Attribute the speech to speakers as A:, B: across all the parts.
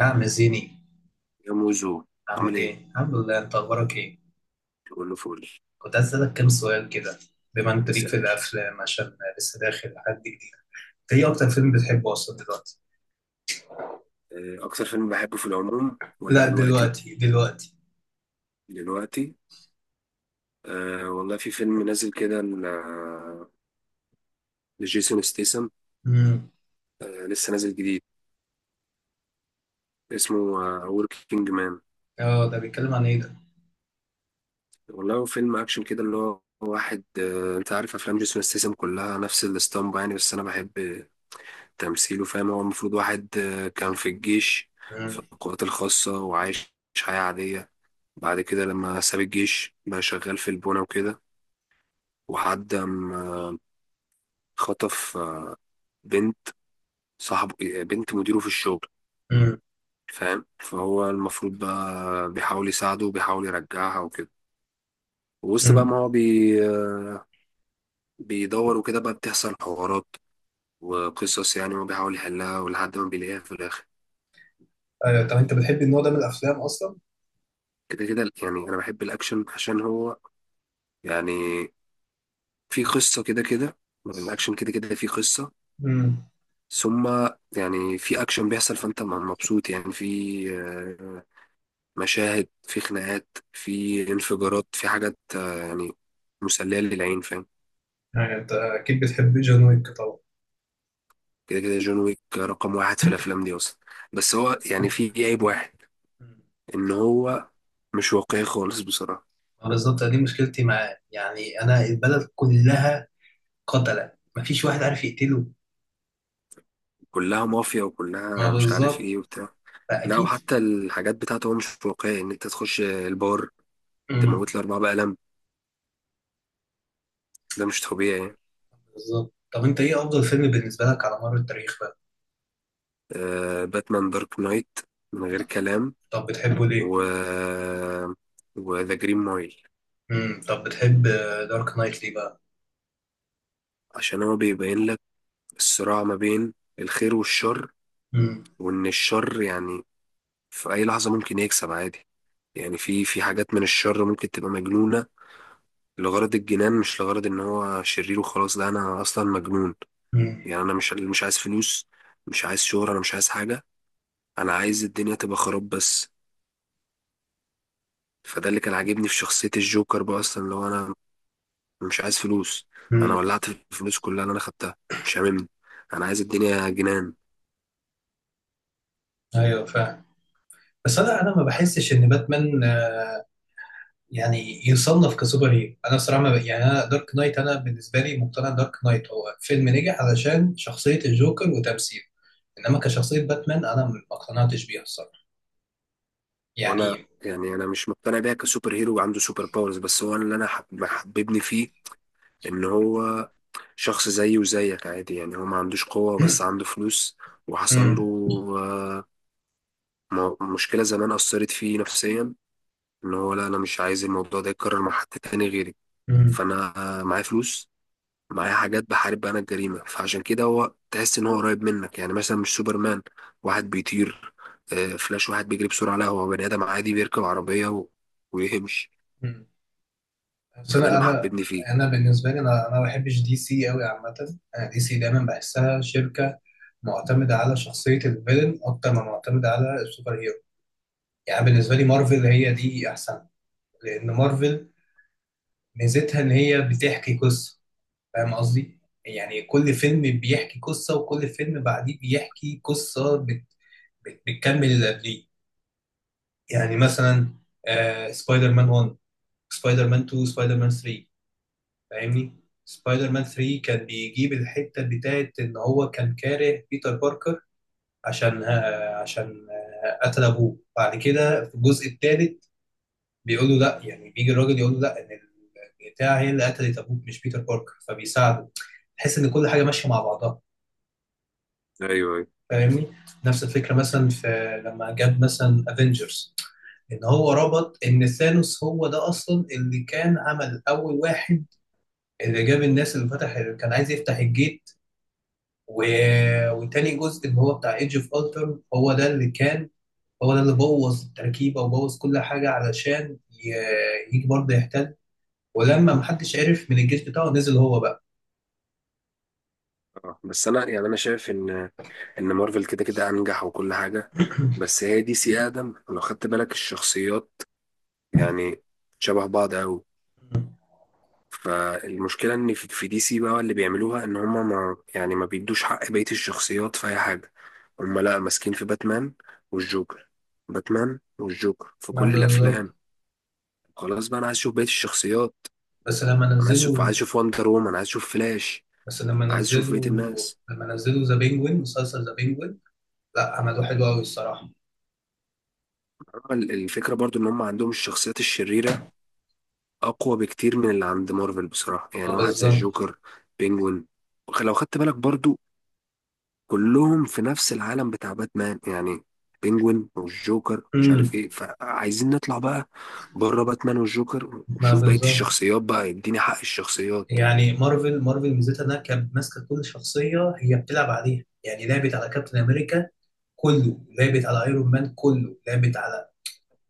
A: يا عم زيني،
B: يا موزو. عامل
A: عامل
B: ايه؟
A: ايه؟ الحمد لله. انت اخبارك ايه؟
B: تقول له فول.
A: كنت عايز اسألك كام سؤال كده، بما انت ليك
B: اسأل
A: في
B: يا باشا.
A: الافلام عشان لسه داخل حد جديد. ايه اكتر فيلم بتحبه اصلا دلوقتي؟
B: أكتر فيلم بحبه في العموم ولا
A: لا،
B: دلوقتي؟
A: دلوقتي دلوقتي.
B: دلوقتي. أه، والله في فيلم نازل كده لجيسون ستيسن.
A: امم.
B: لسه نازل جديد اسمه وركينج مان.
A: اه، ده بيتكلم عن ايه ده؟
B: والله هو فيلم أكشن كده اللي هو واحد، أنت عارف أفلام جيسون ستيسن كلها نفس الاسطمبة يعني، بس أنا بحب تمثيله. فاهم، هو المفروض واحد كان في الجيش، في
A: امم.
B: القوات الخاصة، وعايش حياة عادية. بعد كده لما ساب الجيش بقى شغال في البونة وكده، وحد خطف بنت صاحب بنت مديره في الشغل.
A: امم.
B: فاهم، فهو المفروض بقى بيحاول يساعده وبيحاول يرجعها وكده، ووسط بقى ما
A: امم.
B: هو بيدور وكده بقى بتحصل حوارات وقصص، يعني هو بيحاول يحلها ولحد ما بيلاقيها في الآخر.
A: ايوه، طب انت بتحب النوع ده من الافلام اصلا؟
B: كده كده يعني أنا بحب الأكشن، عشان هو يعني في قصة، كده كده يعني الأكشن كده كده في قصة.
A: امم.
B: ثم يعني في اكشن بيحصل فانت مبسوط، يعني في آه، مشاهد، في خناقات، في انفجارات، في حاجات، يعني مسلية للعين، فاهم.
A: يعني انت اكيد بتحب جون ويك طبعا.
B: كده كده جون ويك رقم واحد في الافلام دي اصلا، بس هو يعني في عيب واحد،
A: مم.
B: ان هو مش واقعي خالص بصراحة.
A: بالظبط، دي مشكلتي معاه. يعني انا البلد كلها قتلة، مفيش واحد عارف يقتله.
B: كلها مافيا
A: ما
B: وكلها مش عارف
A: بالظبط.
B: ايه وبتاع. لا،
A: فاكيد.
B: وحتى الحاجات بتاعته هو مش واقعي، ان انت تخش البار
A: مم.
B: تموت الاربعة بقلم، ده مش طبيعي.
A: بالظبط. طب انت ايه افضل فيلم بالنسبه لك على مر التاريخ بقى؟
B: آه، باتمان دارك نايت، من غير كلام.
A: طب بتحبه ليه؟
B: و وذا جرين مايل.
A: طب بتحب دارك نايت ليه بقى؟
B: عشان هو بيبين لك الصراع ما بين الخير والشر،
A: امم.
B: وان الشر يعني في اي لحظة ممكن يكسب عادي، يعني في حاجات من الشر ممكن تبقى مجنونة لغرض الجنان، مش لغرض ان هو شرير وخلاص. لا، انا اصلا مجنون،
A: امم.
B: يعني انا مش عايز فلوس، مش عايز شهرة، انا مش عايز حاجة، انا عايز الدنيا تبقى خراب بس. فده اللي كان عاجبني في شخصية الجوكر بقى اصلا، اللي هو انا مش عايز فلوس، انا
A: امم.
B: ولعت الفلوس كلها اللي انا خدتها، مش هاممني، انا عايز الدنيا جنان.
A: ايوه فاهم. بس انا ما بحسش ان باتمان يعني يصنف كسوبر هيرو. انا صراحه ما ب... يعني، انا بالنسبه لي مقتنع دارك نايت هو فيلم نجح علشان شخصيه الجوكر وتمثيله. انما كشخصيه باتمان انا ما اقتنعتش بيها الصراحه،
B: وانا
A: يعني.
B: يعني انا مش مقتنع بيها كسوبر هيرو عنده سوبر باورز، بس هو اللي انا محببني فيه ان هو شخص زيي وزيك عادي، يعني هو ما عندوش قوة بس عنده فلوس، وحصل له
A: امم
B: آه، مشكلة زمان أثرت فيه نفسيا، ان هو لا، انا مش عايز الموضوع ده يتكرر مع حد تاني غيري.
A: امم
B: فانا معايا فلوس، معايا حاجات بحارب بيها انا الجريمه، فعشان كده هو تحس ان هو قريب منك، يعني مثلا مش سوبرمان واحد بيطير، فلاش واحد بيجري بسرعه. لا، هو بني ادم عادي بيركب عربيه و... ويمشي،
A: بس
B: فده
A: انا
B: اللي
A: انا
B: محببني فيه.
A: انا بالنسبه لي انا ما بحبش دي سي قوي عامه. انا دي سي دايما بحسها شركه معتمده على شخصيه الفيلن اكتر ما معتمده على السوبر هيرو. يعني بالنسبه لي مارفل هي دي احسن، لان مارفل ميزتها ان هي بتحكي قصه. فاهم قصدي؟ يعني كل فيلم بيحكي قصه، وكل فيلم بعديه بيحكي قصه بت بت بتكمل اللي قبليه. يعني مثلا، سبايدر مان 1، سبايدر مان 2، سبايدر مان 3. فاهمني؟ سبايدر مان 3 كان بيجيب الحتة بتاعت ان هو كان كاره بيتر باركر، عشان قتل ابوه بعد كده في الجزء الثالث. بيقول له لا، يعني بيجي الراجل يقول له لا، ان البتاع هي اللي قتلت ابوك مش بيتر باركر، فبيساعده. تحس ان كل حاجة ماشية مع بعضها.
B: ايوه، ايوه.
A: فاهمني؟ نفس الفكرة مثلا في، لما جاب مثلا افنجرز، ان هو ربط ان ثانوس هو ده اصلا اللي كان عمل اول واحد، اللي جاب الناس، اللي فتح، اللي كان عايز يفتح الجيت. و... وتاني جزء اللي هو بتاع ايدج اوف التر، هو ده اللي بوظ التركيبه وبوظ كل حاجه، علشان يجي برضه يحتل. ولما محدش عرف من الجيش بتاعه، نزل هو بقى.
B: آه، بس انا يعني انا شايف ان مارفل كده كده انجح وكل حاجه، بس هي دي سي ادم لو خدت بالك الشخصيات، يعني شبه بعض قوي. فالمشكلة ان في دي سي بقى اللي بيعملوها ان هما ما يعني ما بيدوش حق بقية الشخصيات في اي حاجة، هما لا ماسكين في باتمان والجوكر، باتمان والجوكر في
A: ما
B: كل
A: بالظبط.
B: الافلام. خلاص بقى انا عايز اشوف بقية الشخصيات،
A: بس لما
B: انا عايز اشوف
A: نزلوا
B: عايز اشوف وندر وومن، عايز اشوف فلاش،
A: بس لما
B: عايز اشوف بقية
A: نزلوا
B: الناس.
A: لما نزلوا ذا بينجوين، مسلسل ذا بينجوين، لا عملوه حلو قوي الصراحه.
B: أما الفكرة برضو ان هما عندهم الشخصيات الشريرة اقوى بكتير من اللي عند مارفل بصراحة،
A: ما
B: يعني واحد زي
A: بالظبط.
B: الجوكر، بينجوين، لو خدت بالك برضو كلهم في نفس العالم بتاع باتمان، يعني بينجوين والجوكر مش
A: امم
B: عارف ايه، فعايزين نطلع بقى بره باتمان والجوكر
A: ما
B: وشوف بقية
A: بالظبط.
B: الشخصيات بقى، يديني حق الشخصيات.
A: يعني مارفل ميزتها انها كانت ماسكه كل شخصيه هي بتلعب عليها. يعني لعبت على كابتن امريكا كله، لعبت على ايرون مان كله، لعبت على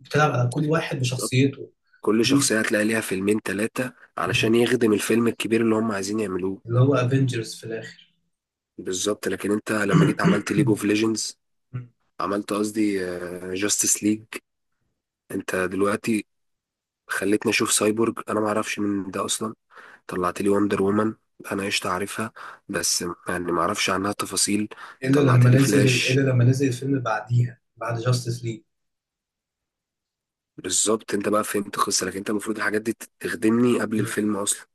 A: بتلعب على كل واحد
B: بالظبط،
A: بشخصيته.
B: كل
A: دي
B: شخصية
A: س-
B: هتلاقي ليها فيلمين تلاتة علشان يخدم الفيلم الكبير اللي هم عايزين يعملوه.
A: اللي هو افنجرز في الاخر.
B: بالظبط، لكن انت لما جيت عملت ليج اوف ليجندز، عملت قصدي جاستس ليج. انت دلوقتي خليتني اشوف سايبورج، انا معرفش من ده اصلا، طلعت لي وندر وومن، انا قشطة عارفها بس يعني ما اعرفش عنها تفاصيل، طلعت لي
A: الا
B: فلاش.
A: لما نزل الفيلم اللي بعديها بعد جاستس ليج.
B: بالظبط، انت بقى فهمت القصه، لكن انت المفروض الحاجات دي تخدمني قبل الفيلم اصلا.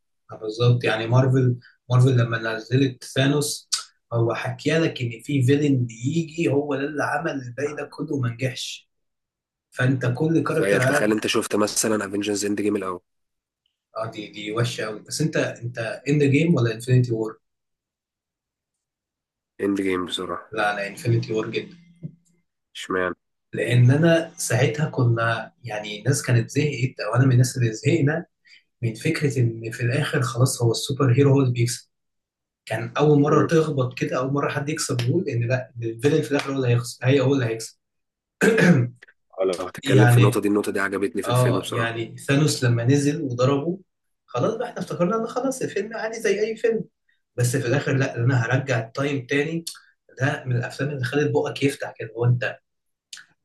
A: بالظبط. يعني مارفل لما نزلت ثانوس، هو حكي لك ان في فيلن بيجي هو ده اللي عمل الباقي ده كله وما نجحش. فانت كل
B: تخيل،
A: كاركتر
B: تخيل
A: عارف.
B: انت شفت مثلا افنجرز اند جيم الاول.
A: اه، دي وحشه قوي. بس انت، اند جيم ولا انفينيتي وور؟
B: اند جيم بصراحه.
A: لا، انا انفينيتي وور.
B: اشمعنى؟
A: لان انا ساعتها كنا، يعني الناس كانت زهقت، او انا من الناس اللي زهقنا من فكره ان في الاخر خلاص هو السوبر هيرو هو اللي بيكسب. كان اول مره
B: امم
A: تخبط كده. اول مره حد يكسب يقول ان لا، ده الفيلن في الاخر هو اللي هيخسر، هو اللي هيكسب.
B: لو هتتكلم في النقطه
A: يعني
B: دي النقطه دي عجبتني في الفيلم بصراحه.
A: ثانوس لما نزل وضربه، خلاص بقى احنا افتكرنا ان خلاص الفيلم عادي زي اي فيلم. بس في الاخر لا، انا هرجع التايم تاني. ده من الافلام اللي خلت بقك يفتح كده. هو انت،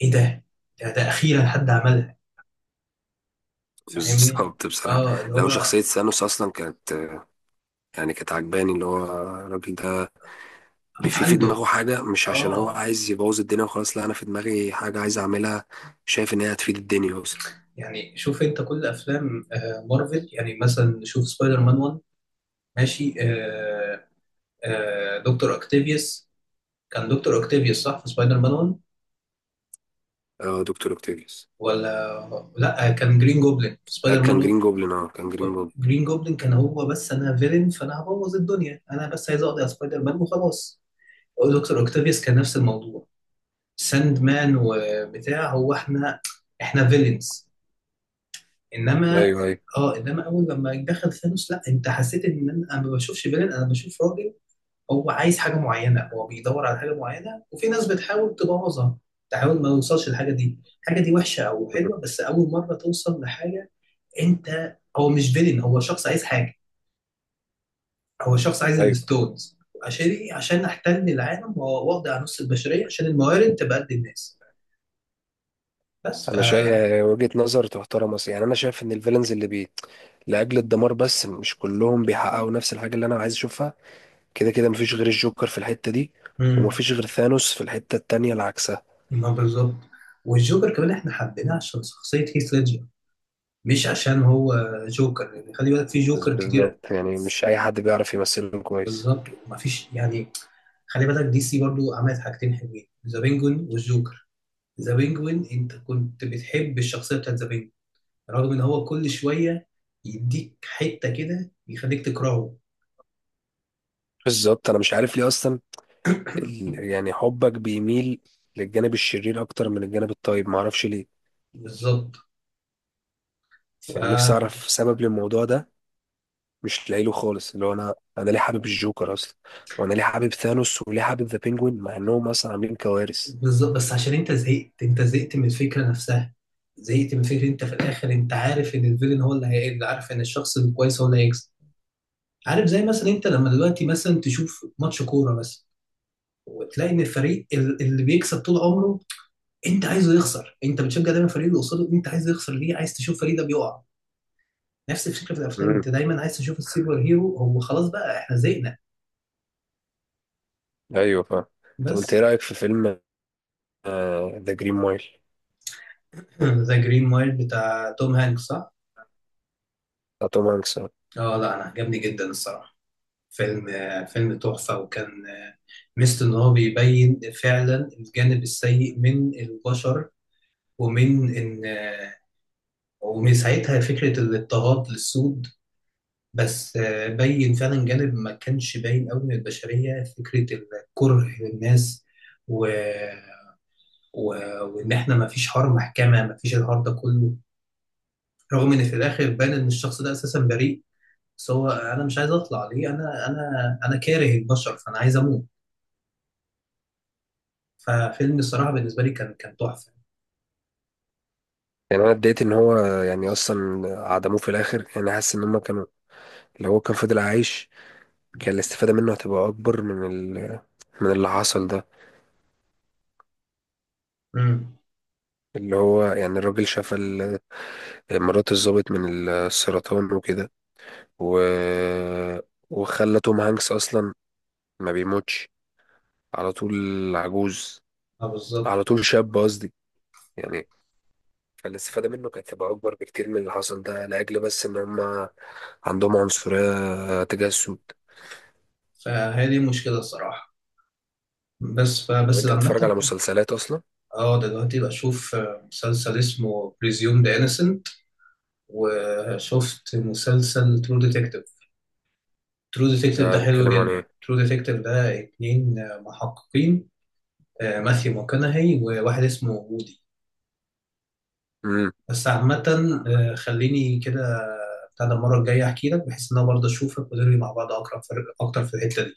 A: ايه ده؟ اخيرا حد عملها. فاهمني؟
B: بالظبط بصراحه.
A: اه اللي
B: لو
A: هو
B: شخصيه ثانوس اصلا كانت، يعني كانت عجباني، اللي هو الراجل ده في
A: عنده
B: دماغه حاجة، مش عشان هو
A: اه
B: عايز يبوظ الدنيا وخلاص، لا، أنا في دماغي حاجة عايز أعملها، شايف إن هي هتفيد الدنيا أصلا.
A: يعني شوف انت كل افلام مارفل. يعني مثلا، شوف سبايدر مان 1. ماشي. دكتور اكتيفيوس. كان دكتور اكتيفيوس صح في سبايدر مان 1؟
B: آه، دكتور أوكتافيوس.
A: ولا لا، كان جرين جوبلin في
B: آه،
A: سبايدر مان
B: كان
A: 1.
B: جرين جوبلin، أه كان جرين جوبلin.
A: جرين جوبلin كان هو، بس انا فيلن فانا هبوظ الدنيا، انا بس عايز اقضي على سبايدر مان وخلاص. دكتور اكتيفيوس كان نفس الموضوع، ساند مان وبتاع. هو احنا فيلنز. انما،
B: أيوه، أيوه،
A: اه انما اول لما دخل ثانوس، لا، انت حسيت ان أنا ما بشوفش فيلن. انا بشوف راجل هو عايز حاجه معينه، هو بيدور على حاجه معينه، وفي ناس بتحاول تبوظها، تحاول ما يوصلش للحاجه دي. الحاجه دي وحشه او حلوه، بس اول مره توصل لحاجه انت هو مش فيلن، هو شخص عايز حاجه. هو شخص عايز
B: أيوه.
A: الستونز. عشان إيه؟ عشان احتل العالم واقضي على نص البشريه، عشان الموارد تبقى قد الناس. بس. ف
B: أنا شايف وجهة نظر تحترم أصلا، يعني أنا شايف إن الفيلنز اللي بي لأجل الدمار بس، مش كلهم بيحققوا نفس الحاجة اللي أنا عايز أشوفها. كده كده مفيش غير الجوكر في الحتة دي،
A: امم
B: ومفيش غير ثانوس في الحتة التانية العكسة.
A: ما بالظبط. والجوكر كمان احنا حبيناه عشان شخصيه هيث ليدجر، مش عشان هو جوكر. يعني خلي بالك، في جوكر كتير.
B: بالظبط، يعني مش أي حد بيعرف يمثلهم كويس.
A: بالظبط، مفيش يعني. خلي بالك، دي سي برضو عملت حاجتين حلوين: ذا بينجوين والجوكر. ذا بينجوين، انت كنت بتحب الشخصيه بتاعت ذا بينجوين رغم ان هو كل شويه يديك حته كده يخليك تكرهه.
B: بالظبط، أنا مش عارف ليه أصلا، يعني حبك بيميل للجانب الشرير اكتر من الجانب الطيب، معرفش ليه.
A: بالظبط. ف
B: يعني نفسي اعرف سبب للموضوع ده، مش لاقيله خالص، اللي هو انا ليه حابب الجوكر اصلا، وانا ليه حابب ثانوس، وليه حابب ذا بينجوين، مع انهم اصلا عاملين كوارث.
A: بالظبط، بس عشان انت زهقت. انت زهقت من الفكره نفسها. زهقت من فكره انت في الاخر انت عارف ان الفيلن هو اللي هيقل، عارف ان الشخص الكويس هو اللي هيكسب. عارف، زي مثلا انت لما دلوقتي مثلا تشوف ماتش كوره مثلا، وتلاقي ان الفريق اللي بيكسب طول عمره، انت عايزه يخسر. انت بتشجع دايما الفريق اللي قصاده، انت عايزه يخسر. ليه عايز تشوف الفريق ده بيقع؟ نفس الفكره في الافلام، انت
B: امم،
A: دايما عايز تشوف السوبر هيرو هو، خلاص بقى احنا زهقنا.
B: ايوه، فاهم. طب انت
A: بس.
B: ايه رايك في فيلم ذا جرين مايل؟
A: ذا جرين مايل بتاع توم هانكس، صح؟
B: بتاع توم هانكس، آه.
A: اه لا، انا عجبني جدا الصراحه. فيلم تحفه. وكان، ميزته ان هو بيبين فعلا الجانب السيء من البشر. ومن ان ومن ساعتها فكرة الاضطهاد للسود. بس بين فعلا جانب ما كانش باين قوي من البشرية، فكرة الكره للناس. و... و... وإن إحنا ما فيش حوار محكمة، ما فيش الحوار ده كله، رغم إن في الآخر بان إن الشخص ده أساسا بريء. بس هو أنا مش عايز أطلع ليه. أنا كاره البشر، فأنا عايز أموت. ففيلم الصراحة بالنسبة لي كان تحفة.
B: يعني انا اتضايقت ان هو، يعني اصلا عدموه في الاخر، يعني حاسس ان هم كانوا، لو هو كان فضل عايش كان الاستفاده منه هتبقى اكبر ال... من اللي حصل ده،
A: امم.
B: اللي هو يعني الراجل شاف مرات الضابط من السرطان وكده، و... وخلى توم هانكس أصلا ما بيموتش على طول عجوز،
A: اه، بالظبط.
B: على طول شاب قصدي، يعني فالاستفادة منه كانت تبقى أكبر بكتير من اللي حصل ده، لأجل بس إن هما عندهم عنصرية تجاه السود.
A: فهي دي المشكلة الصراحة. بس
B: طب
A: فبس
B: أنت بتتفرج على
A: عامة.
B: مسلسلات أصلا؟
A: اه، دلوقتي بشوف مسلسل اسمه بريزيوم ذا انسنت، وشفت مسلسل ترو ديتكتيف. ترو ديتكتيف ده
B: ده
A: حلو
B: بيتكلم عن
A: جدا.
B: إيه؟
A: ترو ديتكتيف ده 2 محققين: ماثيو ماكونهي وواحد اسمه وودي.
B: امم،
A: بس عامة، خليني كده. بتاع ده المرة الجاية احكي لك، بحيث ان انا برضه اشوفك ونروي مع بعض اقرب اكتر في الحتة دي.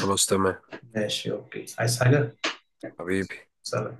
B: خلاص تمام.
A: ماشي، اوكي. عايز حاجة؟
B: حبيبي.
A: سلام.